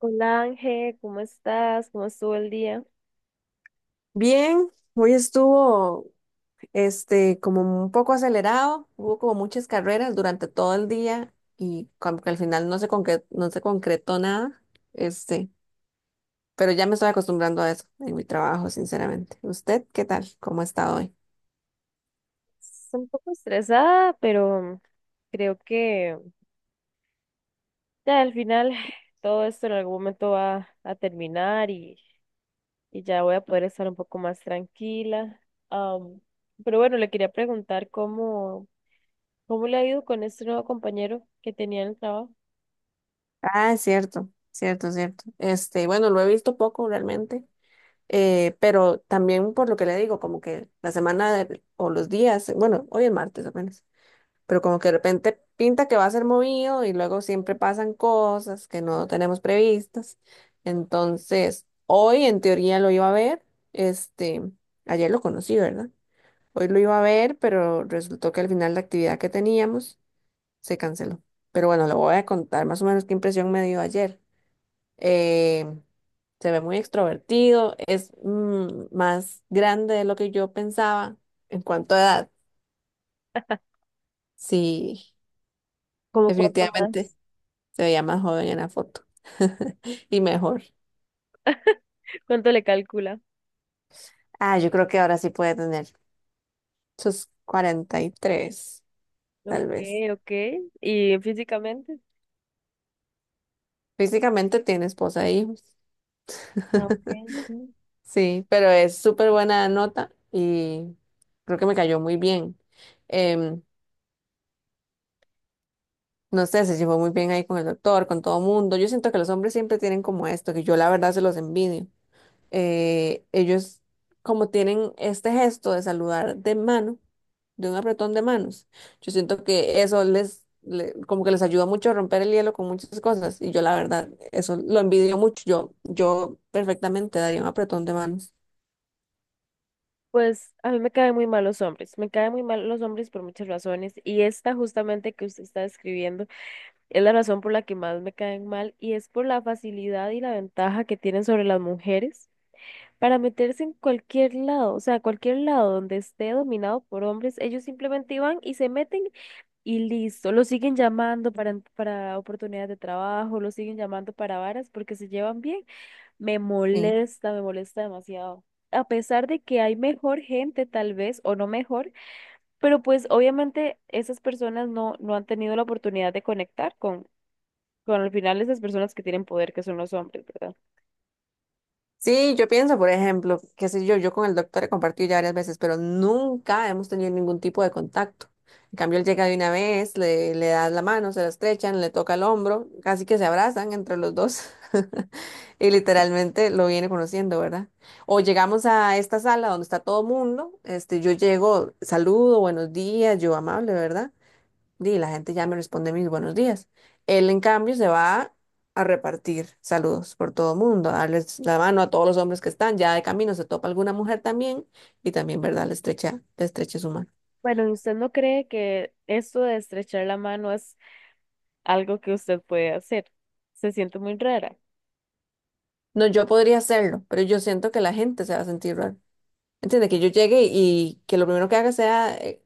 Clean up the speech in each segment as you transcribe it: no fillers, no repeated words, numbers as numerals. Hola Ángel, ¿cómo estás? ¿Cómo estuvo el día? Bien, hoy estuvo como un poco acelerado, hubo como muchas carreras durante todo el día y como que al final no se concretó nada. este, pero ya me estoy acostumbrando a eso en mi trabajo, sinceramente. ¿Usted qué tal? ¿Cómo ha estado hoy? Estoy un poco estresada, pero creo que ya al final todo esto en algún momento va a terminar y ya voy a poder estar un poco más tranquila. Am, pero bueno, le quería preguntar cómo le ha ido con este nuevo compañero que tenía en el trabajo. Ah, es cierto, cierto, cierto. Bueno, lo he visto poco realmente, pero también por lo que le digo, como que o los días, bueno, hoy es martes apenas. Pero como que de repente pinta que va a ser movido y luego siempre pasan cosas que no tenemos previstas. Entonces, hoy en teoría lo iba a ver. este, Ayer lo conocí, ¿verdad? Hoy lo iba a ver, pero resultó que al final la actividad que teníamos se canceló. Pero bueno, le voy a contar más o menos qué impresión me dio ayer. Eh, Se ve muy extrovertido, es más grande de lo que yo pensaba en cuanto a edad. Sí, ¿Cómo cuánto definitivamente. más? Se veía más joven en la foto. Y mejor. ¿Cuánto le calcula? Ah, yo creo que ahora sí puede tener. Sus 43, Ok, tal vez. ok. ¿Y físicamente? Físicamente tiene esposa e hijos. Ah, ok. Sí. Sí, pero es súper buena nota y creo que me cayó muy bien. Em, no sé, se llevó muy bien ahí con el doctor, con todo mundo. Yo siento que los hombres siempre tienen como esto, que yo la verdad se los envidio. Eh, ellos como tienen este gesto de saludar de mano, de un apretón de manos, yo siento que eso como que les ayuda mucho a romper el hielo con muchas cosas y yo la verdad, eso lo envidio mucho, yo perfectamente daría un apretón de manos. Pues a mí me caen muy mal los hombres, me caen muy mal los hombres por muchas razones y esta justamente que usted está describiendo es la razón por la que más me caen mal y es por la facilidad y la ventaja que tienen sobre las mujeres para meterse en cualquier lado, o sea, cualquier lado donde esté dominado por hombres, ellos simplemente van y se meten y listo, lo siguen llamando para oportunidades de trabajo, lo siguen llamando para varas porque se llevan bien. Me molesta demasiado. A pesar de que hay mejor gente tal vez, o no mejor, pero pues obviamente esas personas no han tenido la oportunidad de conectar con al final esas personas que tienen poder, que son los hombres, ¿verdad? Sí, yo pienso, por ejemplo, qué sé yo, yo con el doctor he compartido ya varias veces, pero nunca hemos tenido ningún tipo de contacto. En cambio, él llega de una vez, le das la mano, se la estrechan, le toca el hombro, casi que se abrazan entre los dos y literalmente lo viene conociendo, ¿verdad? O llegamos a esta sala donde está todo mundo, yo llego, saludo, buenos días, yo amable, ¿verdad? Y la gente ya me responde mis buenos días. Él, en cambio, se va a repartir saludos por todo el mundo, a darles la mano a todos los hombres que están. Ya de camino se topa alguna mujer también y también, ¿verdad? Le estrecha su mano. Bueno, ¿y usted no cree que esto de estrechar la mano es algo que usted puede hacer? Se siente muy rara. No, yo podría hacerlo, pero yo siento que la gente se va a sentir raro. Entiende que yo llegue y que lo primero que haga sea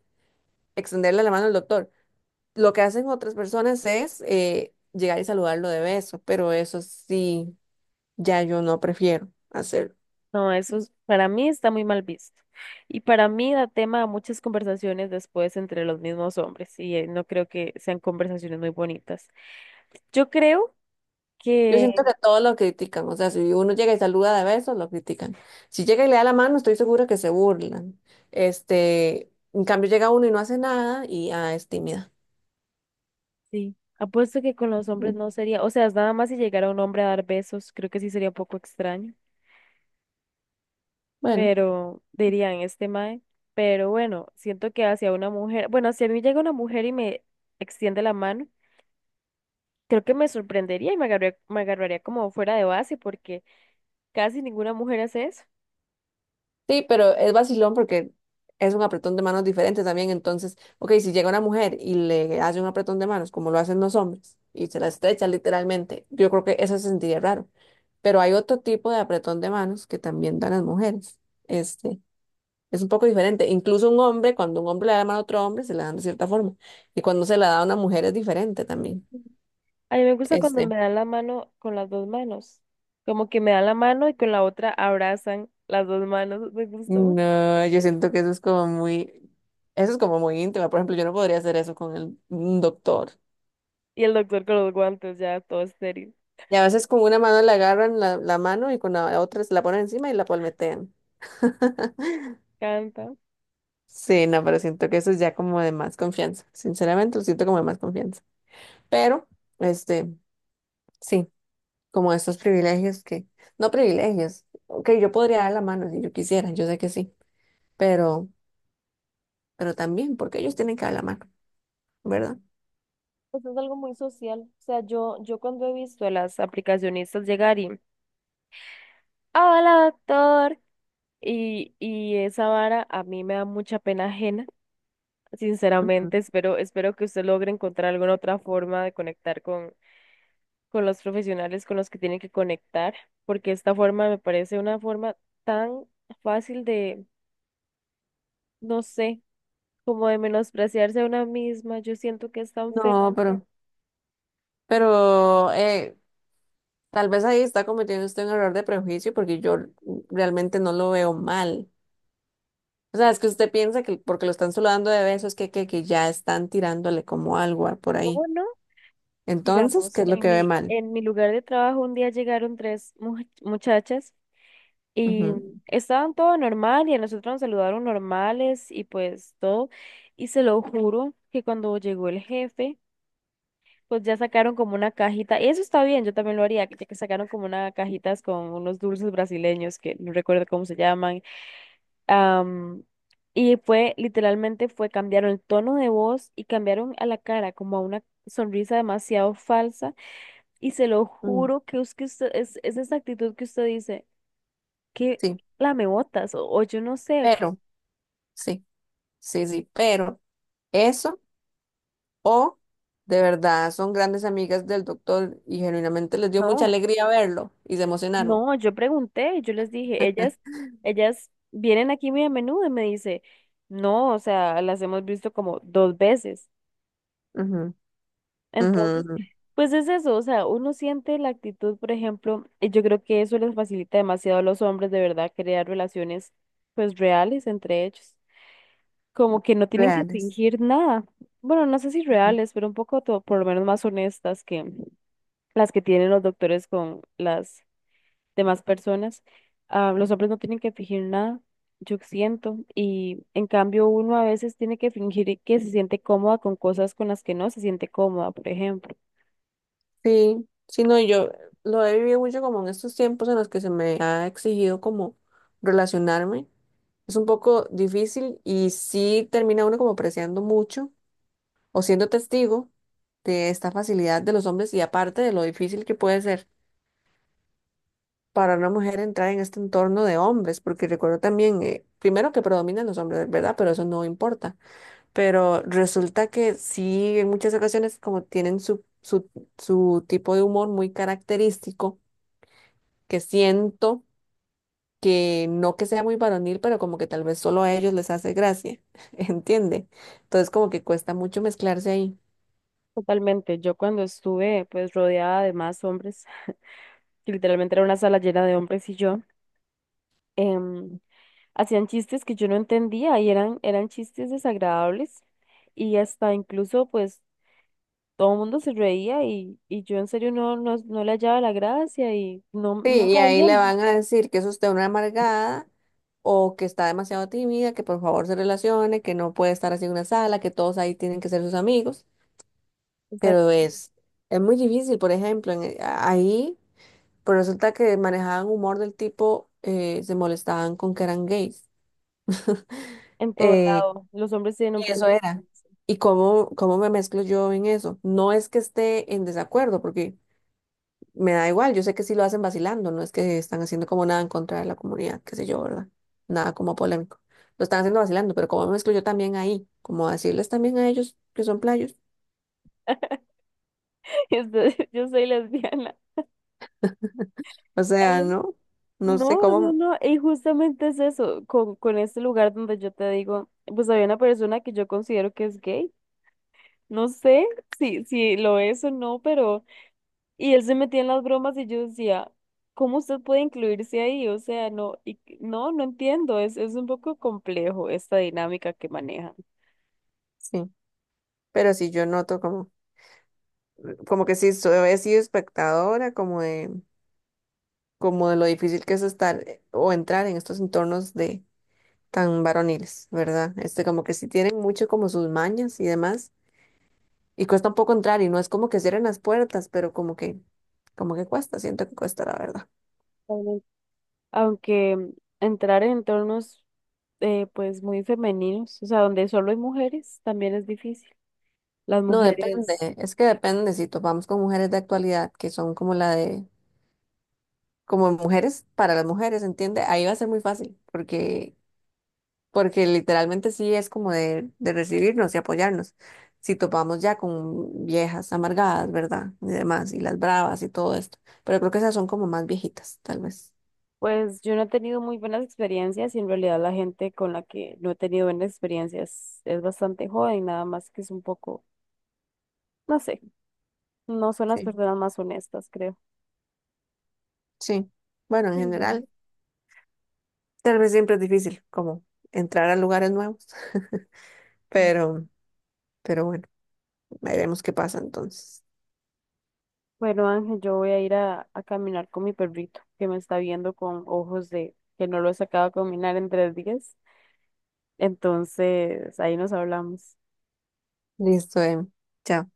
extenderle la mano al doctor. Lo que hacen otras personas es llegar y saludarlo de beso, pero eso sí, ya yo no prefiero hacerlo. No, eso es- para mí está muy mal visto. Y para mí da tema a muchas conversaciones después entre los mismos hombres, y no creo que sean conversaciones muy bonitas. Yo creo Yo que siento que todos lo critican, o sea, si uno llega y saluda de besos, lo critican. Si llega y le da la mano, estoy segura que se burlan. En cambio llega uno y no hace nada y ah, es tímida. sí. Apuesto que con los hombres Mm. no sería, o sea, es nada más si llegara un hombre a dar besos, creo que sí sería un poco extraño, Bueno, pero dirían este mae. Pero bueno, siento que hacia una mujer, bueno, si a mí llega una mujer y me extiende la mano, creo que me sorprendería y me agarraría como fuera de base porque casi ninguna mujer hace eso. sí, pero es vacilón porque es un apretón de manos diferente también. Entonces, ok, si llega una mujer y le hace un apretón de manos, como lo hacen los hombres, y se la estrecha literalmente, yo creo que eso se sentiría raro. Pero hay otro tipo de apretón de manos que también dan las mujeres. Este, Es un poco diferente. Incluso un hombre, cuando un hombre le da la mano a otro hombre, se la dan de cierta forma. Y cuando se la da a una mujer es diferente también. A mí me gusta cuando Este, me dan la mano con las dos manos, como que me dan la mano y con la otra abrazan las dos manos, me gusta mucho. no, yo siento que eso es como muy, eso es como muy íntimo. Por ejemplo, yo no podría hacer eso con un doctor. Y el doctor con los guantes, ya todo estéril. Y a veces con una mano le agarran la mano y con la otra se la ponen encima y la palmetean. Canta. Sí, no, pero siento que eso es ya como de más confianza. Sinceramente, lo siento como de más confianza. Pero, este, sí. Como estos no privilegios, ok, yo podría dar la mano si yo quisiera, yo sé que sí, pero, pero también, porque ellos tienen que dar la mano, ¿verdad? Pues es algo muy social. O sea, yo cuando he visto a las aplicacionistas llegar hola doctor, y esa vara a mí me da mucha pena ajena. Ujú. Sinceramente, espero que usted logre encontrar alguna otra forma de con los profesionales con los que tiene que conectar, porque esta forma me parece una forma tan fácil de, no sé, como de menospreciarse a una misma. Yo siento que es tan feo. No, pero, pero eh, tal vez ahí está cometiendo usted un error de prejuicio porque yo realmente no lo veo mal. O sea, es que usted piensa que porque lo están saludando de besos que ya están tirándole como algo por ¿Cómo ahí. no? Entonces, Digamos, ¿qué es lo que ve mal? en mi lugar de trabajo un día llegaron muchachas y Ujú, estaban todo normal y a nosotros nos saludaron normales y pues todo. Y se lo juro que cuando llegó el jefe, pues ya sacaron como una cajita. Y eso está bien, yo también lo haría, que sacaron como una cajitas con unos dulces brasileños que no recuerdo cómo se llaman. am, y fue, literalmente fue, cambiaron el tono de voz y cambiaron a la cara como a una sonrisa demasiado falsa y se lo mm, juro que es que usted, es esa actitud que usted dice, que sí, la me botas, o yo no sé, que- pero, sí, sí, pero eso. O de verdad son grandes amigas del doctor y genuinamente les dio mucha no, alegría verlo y se emocionaron. no, yo pregunté, yo les dije, ellas vienen aquí muy a menudo y me dice, no, o sea, las hemos visto como 2 veces. Ujú, ujú, Entonces, ujú. pues es eso, o sea, uno siente la actitud, por ejemplo, y yo creo que eso les facilita demasiado a los hombres de verdad crear relaciones pues reales entre ellos. Como que no tienen que Reales. fingir nada. Bueno, no sé si Ujú. reales, pero un poco to- por lo menos más honestas que las que tienen los doctores con las demás personas. Ah, los hombres no tienen que fingir nada, yo siento, y en cambio uno a veces tiene que fingir que se siente cómoda con cosas con las que no se siente cómoda, por ejemplo. Sí, sí, no, y yo lo he vivido mucho como en estos tiempos en los que se me ha exigido como relacionarme. Es un poco difícil y sí termina uno como apreciando mucho o siendo testigo de esta facilidad de los hombres y aparte de lo difícil que puede ser para una mujer entrar en este entorno de hombres, porque recuerdo también, primero que predominan los hombres, ¿verdad? Pero eso no importa. Pero resulta que sí, en muchas ocasiones como tienen su tipo de humor muy característico, que siento que no que sea muy varonil, pero como que tal vez solo a ellos les hace gracia, ¿entiende? Entonces como que cuesta mucho mezclarse ahí. Totalmente, yo cuando estuve pues rodeada de más hombres, que literalmente era una sala llena de hombres y yo. em, Hacían chistes que yo no entendía y eran chistes desagradables y hasta incluso pues todo el mundo se reía y yo en serio no le hallaba la gracia y Sí, no y ahí sabía, le van a decir que es usted una amargada o que está demasiado tímida, que por favor se relacione, que no puede estar así en una sala, que todos ahí tienen que ser sus amigos, o sea, pero es, es muy difícil, por ejemplo, ahí pues resulta que manejaban humor del tipo, se molestaban con que eran gays. en todo eh, lado, los hombres tienen un y eso problema con era. eso. Cómo me mezclo yo en eso? No es que esté en desacuerdo, porque... Me da igual, yo sé que sí lo hacen vacilando, no es que están haciendo como nada en contra de la comunidad, qué sé yo, ¿verdad? Nada como polémico. Lo están haciendo vacilando, pero como me excluyo también ahí, como decirles también a ellos que son playos. Entonces, yo soy lesbiana. O sea, Ay, no, no sé cómo, no, y justamente es eso, con este lugar donde yo te digo, pues había una persona que yo considero que es gay, no sé si lo es o no, pero... Y él se metía en las bromas y yo decía, ¿cómo usted puede incluirse ahí? O sea, no, y, no, no entiendo, es un poco complejo esta dinámica que manejan. sí, pero sí yo noto como que sí, soy he sido espectadora, como de lo difícil que es estar o entrar en estos entornos de tan varoniles, ¿verdad? Como que sí tienen mucho como sus mañas y demás. Y cuesta un poco entrar y no es como que cierren las puertas, pero como que cuesta, siento que cuesta la verdad. Totalmente. Aunque entrar en entornos pues muy femeninos, o sea, donde solo hay mujeres, también es difícil. Las No, depende, mujeres, es que depende si topamos con mujeres de actualidad que son como mujeres para las mujeres, ¿entiende? Ahí va a ser muy fácil, porque literalmente sí es de recibirnos y apoyarnos. Si topamos ya con viejas amargadas, ¿verdad? Y demás, y las bravas y todo esto. Pero creo que esas son como más viejitas, tal vez. pues yo no he tenido muy buenas experiencias y en realidad la gente con la que no he tenido buenas experiencias es bastante joven, nada más que es un poco, no sé, no son las Sí. personas más honestas, creo. Sí. Bueno, en Mm, general. Tal vez siempre es difícil como entrar a lugares nuevos, sí. pero, pero bueno, veremos qué pasa entonces. Bueno, Ángel, yo voy a ir a caminar con mi perrito que me está viendo con ojos de que no lo he sacado a caminar en 3 días. Entonces, ahí nos hablamos. Listo, chao.